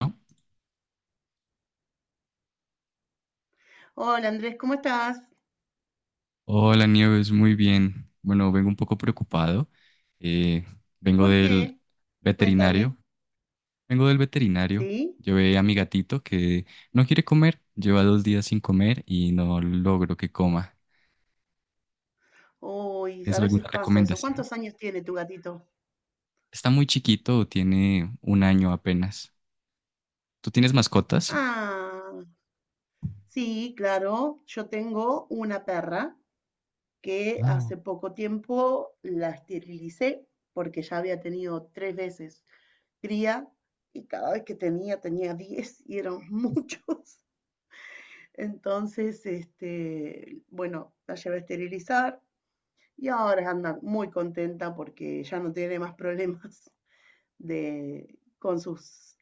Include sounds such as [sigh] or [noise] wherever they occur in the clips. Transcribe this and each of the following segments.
¿No? Hola Andrés, ¿cómo estás? Hola Nieves, muy bien. Bueno, vengo un poco preocupado. Eh, Vengo ¿Por del qué? Cuéntame, veterinario. Vengo del veterinario. ¿sí? Llevé a mi gatito que no quiere comer. Lleva 2 días sin comer y no logro que coma. Uy, ¿Tienes a veces alguna pasa eso. recomendación? ¿Cuántos años tiene tu gatito? Está muy chiquito, tiene un año apenas. ¿Tú tienes mascotas? Ah, sí, claro. Yo tengo una perra que Ah, hace poco tiempo la esterilicé porque ya había tenido tres veces cría y cada vez que tenía 10 y eran [laughs] muchos. Entonces, este, bueno, la llevé a esterilizar. Y ahora anda muy contenta porque ya no tiene más problemas [laughs] de, con sus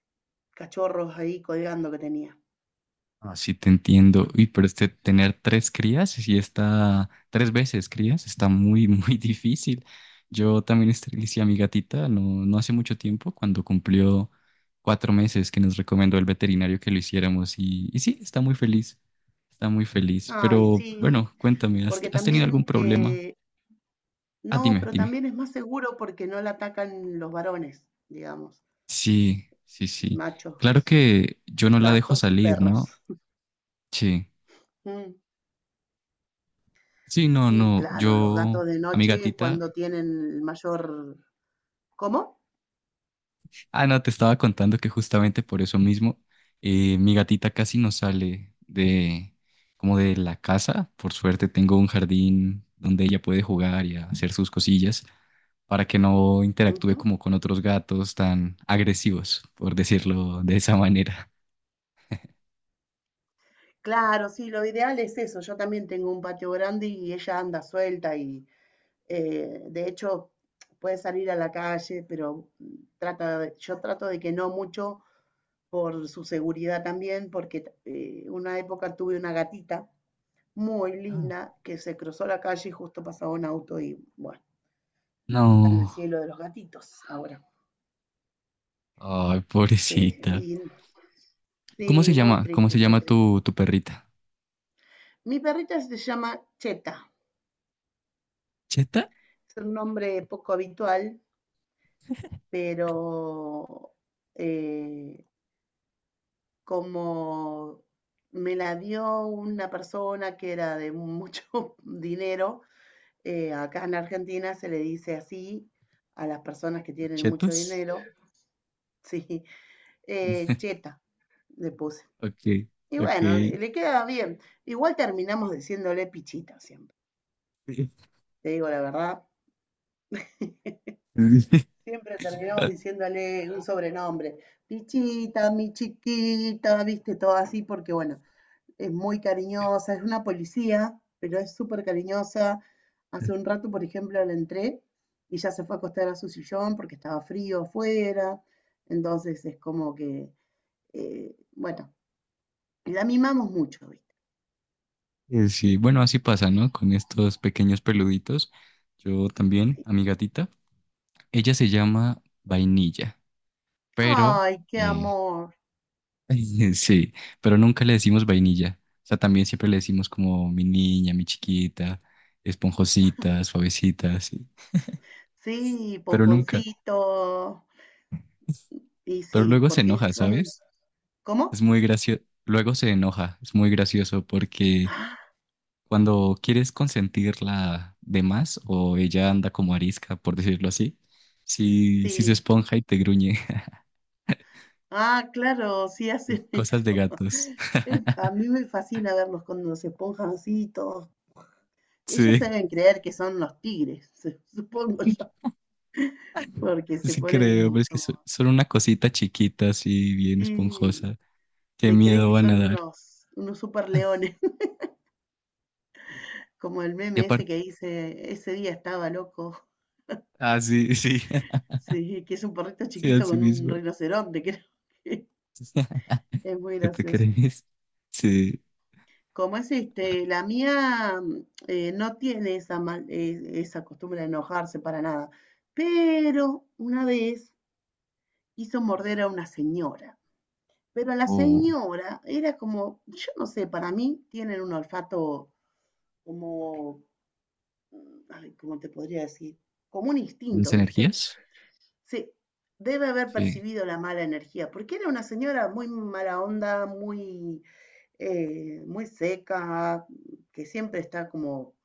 cachorros ahí colgando que tenía. Ah, sí, te entiendo. Uy, pero este tener tres crías y tres veces crías, está muy, [laughs] muy difícil. Yo también esterilicé a mi gatita no, no hace mucho tiempo, cuando cumplió 4 meses que nos recomendó el veterinario que lo hiciéramos y sí, está muy feliz, está muy feliz. Ay, Pero sí, bueno, cuéntame, ¿has, porque has tenido también, algún problema? Ah, no, dime, pero dime. también es más seguro porque no la atacan los varones, digamos, Sí, sí, sí. machos, Claro que yo no la dejo gatos y salir, perros. ¿no? [laughs] Sí. Mm. Sí, no, Sí, no. claro, los Yo, gatos de a mi noche es gatita cuando tienen el mayor... ¿Cómo? Ah, no, te estaba contando que justamente por eso mismo mi gatita casi no sale de como de la casa. Por suerte tengo un jardín donde ella puede jugar y hacer sus cosillas para que no interactúe Ujú. como con otros gatos tan agresivos, por decirlo de esa manera. Claro, sí, lo ideal es eso. Yo también tengo un patio grande y ella anda suelta y de hecho, puede salir a la calle, pero yo trato de que no mucho por su seguridad también, porque una época tuve una gatita muy Ah. linda que se cruzó la calle y justo pasaba un auto y bueno, está en el No, cielo de los gatitos ahora. ay, Que, pobrecita. y, ¿Cómo se sí, muy llama? ¿Cómo triste, se muy llama triste. tu, perrita? Mi perrita se llama Cheta, ¿Cheta? es un nombre poco habitual, pero eh, como me la dio una persona que era de mucho [laughs] dinero, acá en Argentina se le dice así a las personas que tienen mucho ¿Chetos? dinero. [laughs] Sí, [laughs] cheta, le puse. Ok, Y bueno, ok. le queda bien. Igual terminamos diciéndole pichita siempre, te digo la verdad. Siempre terminamos diciéndole un sobrenombre. Pichita, mi chiquita, viste, todo así, porque bueno, es muy cariñosa, es una policía, pero es súper cariñosa. Hace [laughs] un rato, por ejemplo, la entré y ya se fue a acostar a su sillón porque estaba frío afuera. Entonces es como que, bueno, la mimamos mucho, ¿viste? Sí, bueno, así pasa, ¿no? Con estos pequeños peluditos. Yo también, a mi gatita. Ella se llama Vainilla, pero Ay, qué eh, amor. [laughs] sí, pero nunca le decimos vainilla. O sea, también siempre le decimos como mi niña, mi chiquita, esponjosita, suavecita, sí. Sí, Pero nunca. pomponcito. Y Pero sí, luego se porque enoja, son, ¿sabes? Es ¿cómo? muy gracioso. Luego se enoja. Es muy gracioso porque Ah, cuando quieres consentirla de más o ella anda como arisca, por decirlo así, si se sí. esponja y te gruñe. [laughs] Ah, claro, sí hacen Cosas de eso. gatos. [laughs] [laughs] A mí me fascina verlos cuando se esponjan así, todos. Ellos Sí, deben creer que son los tigres, [laughs] supongo yo, porque se sí creo, ponen pero es que como, solo una cosita chiquita, así bien sí, esponjosa. Qué se creen miedo que van a son dar. Unos super leones, [laughs] [laughs] como el Y meme ese aparte, que dice, ese día estaba loco, [laughs] ah, sí, sí, [laughs] sí, que es un perrito sí, chiquito así con un mismo. rinoceronte, [laughs] creo. [laughs] Es muy ¿Qué te gracioso. crees? Sí. Como es este, la mía no tiene esa, esa costumbre de enojarse para nada, pero una vez hizo morder a una señora. Pero la O señora era como, yo no sé, para mí tienen un olfato como, ay, ¿cómo te podría decir? Como un las instinto, ¿viste? energías. Sí, debe haber Sí. percibido la mala energía, porque era una señora muy mala onda, muy, muy seca, que siempre está como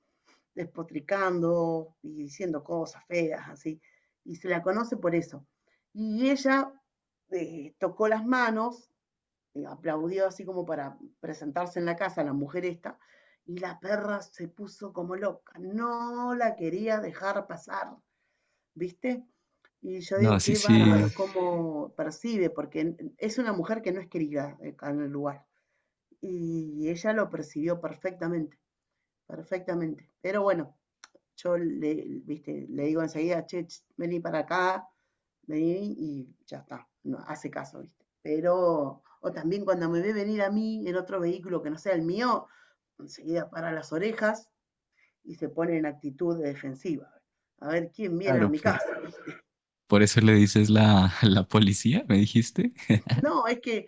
despotricando y diciendo cosas feas, así. Y se la conoce por eso. Y ella tocó las manos, aplaudió así como para presentarse en la casa la mujer esta, y la perra se puso como loca, no la quería dejar pasar, ¿viste? Y yo No, digo, sí, qué bárbaro, sí. cómo percibe, porque es una mujer que no es querida acá en el lugar. Y ella lo percibió perfectamente, perfectamente. Pero bueno, yo le, viste, le digo enseguida, che, vení para acá, vení y ya está, no, hace caso, viste. Pero, o también cuando me ve venir a mí en otro vehículo que no sea el mío, enseguida para las orejas y se pone en actitud de defensiva. A ver quién viene a Claro, mi por, casa. [laughs] por eso le dices la, [laughs] la policía, me dijiste. No, es que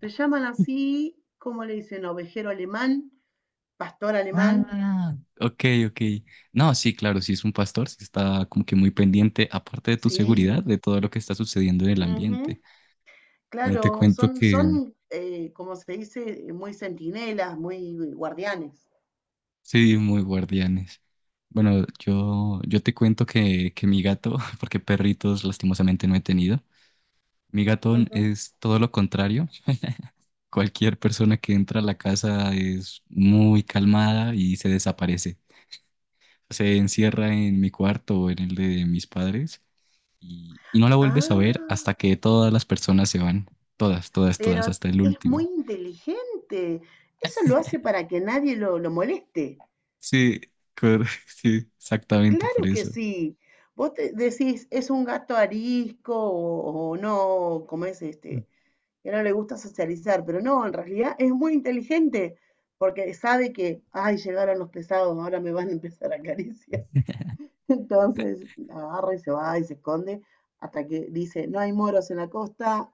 se llaman así, ¿cómo le dicen? Ovejero alemán, pastor alemán, Ah, ok, ok. No, sí, claro, si es un pastor, sí está como que muy pendiente, aparte de tu seguridad, sí. de todo lo que está sucediendo en el Uh -huh. ambiente. Bueno, te Claro, cuento son, que son como se dice, muy centinelas, muy guardianes. sí, muy guardianes. Bueno, yo, te cuento que mi gato, [laughs] porque perritos lastimosamente no he tenido, mi gato Ujú. es todo lo contrario. Cualquier persona que entra a la casa es muy calmada y se desaparece. Se encierra en mi cuarto o en el de mis padres y no la vuelves a ver Ah, hasta que todas las personas se van. Todas, todas, todas, pero hasta el es muy último. inteligente. Eso lo hace para que nadie lo moleste. Sí, [laughs] sí, exactamente por Claro que eso. sí. Vos te decís, es un gato arisco o no, como es este, que no le gusta socializar, pero no, en realidad es muy inteligente porque sabe que, ay, llegaron los pesados, ahora me van a empezar a acariciar. [laughs] Entonces agarra y se va y se esconde hasta que dice, no hay moros en la costa,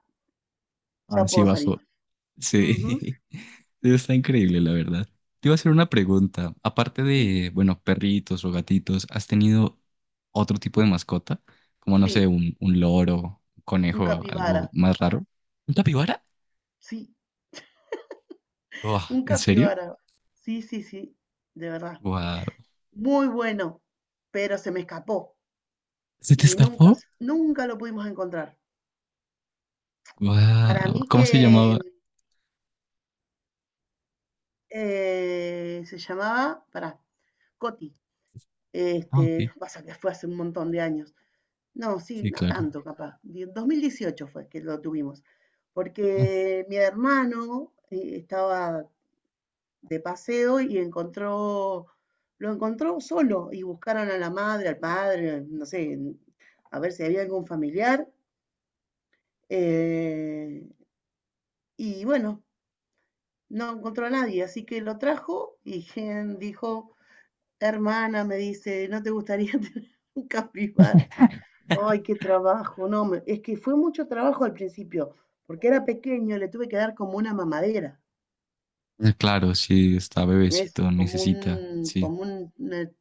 Ahora ya sí puedo salir. bajo. Ujú, Sí, [laughs] está increíble, la verdad. Te iba a hacer una pregunta. Aparte sí, de, bueno, perritos o gatitos, ¿has tenido otro tipo de mascota? Como, no sé, sí, un, loro, un un conejo, algo capibara, más raro. ¿Un capibara? sí, Buah, un ¿en serio? capibara, sí, sí, sí, de verdad. Wow. Muy bueno, pero se me escapó ¿Se te y escapó? Nunca lo pudimos encontrar. Para Wow. mí ¿Cómo se que llamaba? Se llamaba, para Coti, Ah, ok. este, pasa que fue hace un montón de años. No, sí, Sí, no claro. tanto capaz. 2018 fue que lo tuvimos, Ah, porque mi hermano estaba de paseo y encontró, lo encontró solo y buscaron a la madre, al padre, no sé, a ver si había algún familiar. eh, y bueno, no encontró a nadie, así que lo trajo y Gen dijo, hermana, me dice, ¿no te gustaría [laughs] tener un capibara? Ay, qué trabajo. No, es que fue mucho trabajo al principio, porque era pequeño, le tuve que dar como una mamadera. Claro, sí está Es bebecito, como necesita, un, sí.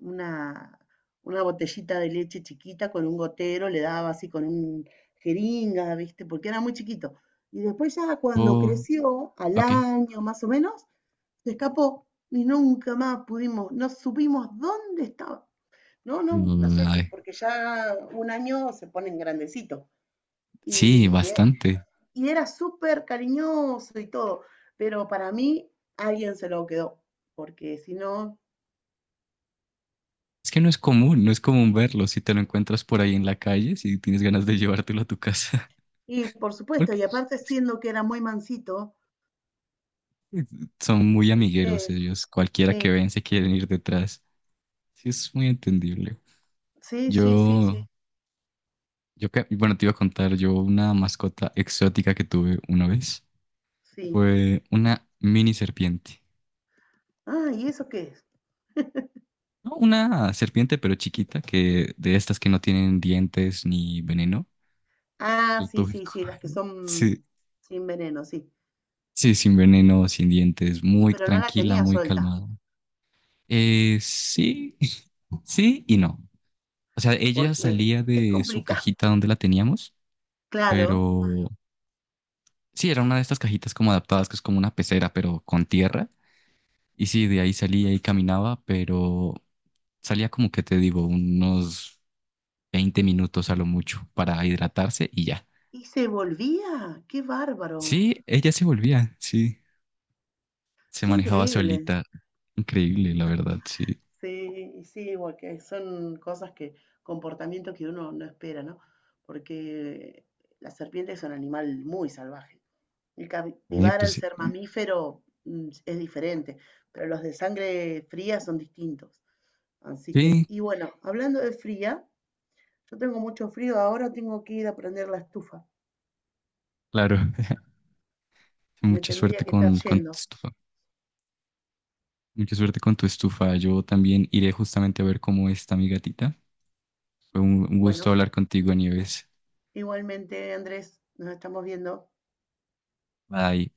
una, una botellita de leche chiquita con un gotero, le daba así con un jeringa, ¿viste? Porque era muy chiquito. Y después ya cuando Oh, creció, al ok. año más o menos, se escapó y nunca más pudimos, no supimos dónde estaba. No, no, no Mm, sé, ay, porque ya un año se ponen grandecitos. sí, Y bastante. y era súper cariñoso y todo, pero para mí alguien se lo quedó, porque si no, Es que no es común, no es común verlo. Si te lo encuentras por ahí en la calle, si tienes ganas de llevártelo a tu casa, y por [laughs] supuesto, porque y aparte siendo que era muy mansito, son muy amigueros ¿viste? ellos. Cualquiera que Sí, ven se quieren ir detrás. Sí, es muy entendible. sí, sí, sí, sí, Yo, bueno, te iba a contar, yo una mascota exótica que tuve una vez sí. fue una mini serpiente. Ah, ¿y eso qué es? No, una serpiente, pero chiquita, que de estas que no tienen dientes ni veneno. Ah, Lo sí, tuve [laughs] sí, sí, las que con- Sí, son sin veneno, sí. sí, sin veneno, sin dientes, Y muy pero no la tranquila, tenía muy suelta, calmada. Sí, [laughs] sí y no. O sea, ella porque salía es de su complicado, cajita [laughs] donde la teníamos, claro. pero sí, era una de estas cajitas como adaptadas, que es como una pecera, pero con tierra. Y sí, de ahí salía y caminaba, pero salía como que te digo, unos 20 minutos a lo mucho para hidratarse y ya. Y se volvía, qué bárbaro, Sí, ella se volvía, sí. Se qué manejaba increíble. solita. Increíble, la verdad, sí. Sí, y sí, porque son cosas que, comportamientos que uno no espera, ¿no? Porque la serpiente es un animal muy salvaje. El Sí, capibara, pues al sí. ser mamífero, es diferente, pero los de sangre fría son distintos. Así que, Sí, y bueno, hablando de fría, yo tengo mucho frío, ahora tengo que ir a prender la estufa. claro. [laughs] Me Mucha suerte tendría que estar con, tu yendo. estufa. Mucha suerte con tu estufa. Yo también iré justamente a ver cómo está mi gatita. Fue un gusto Bueno, hablar contigo, Nieves. igualmente, Andrés, nos estamos viendo. Bye.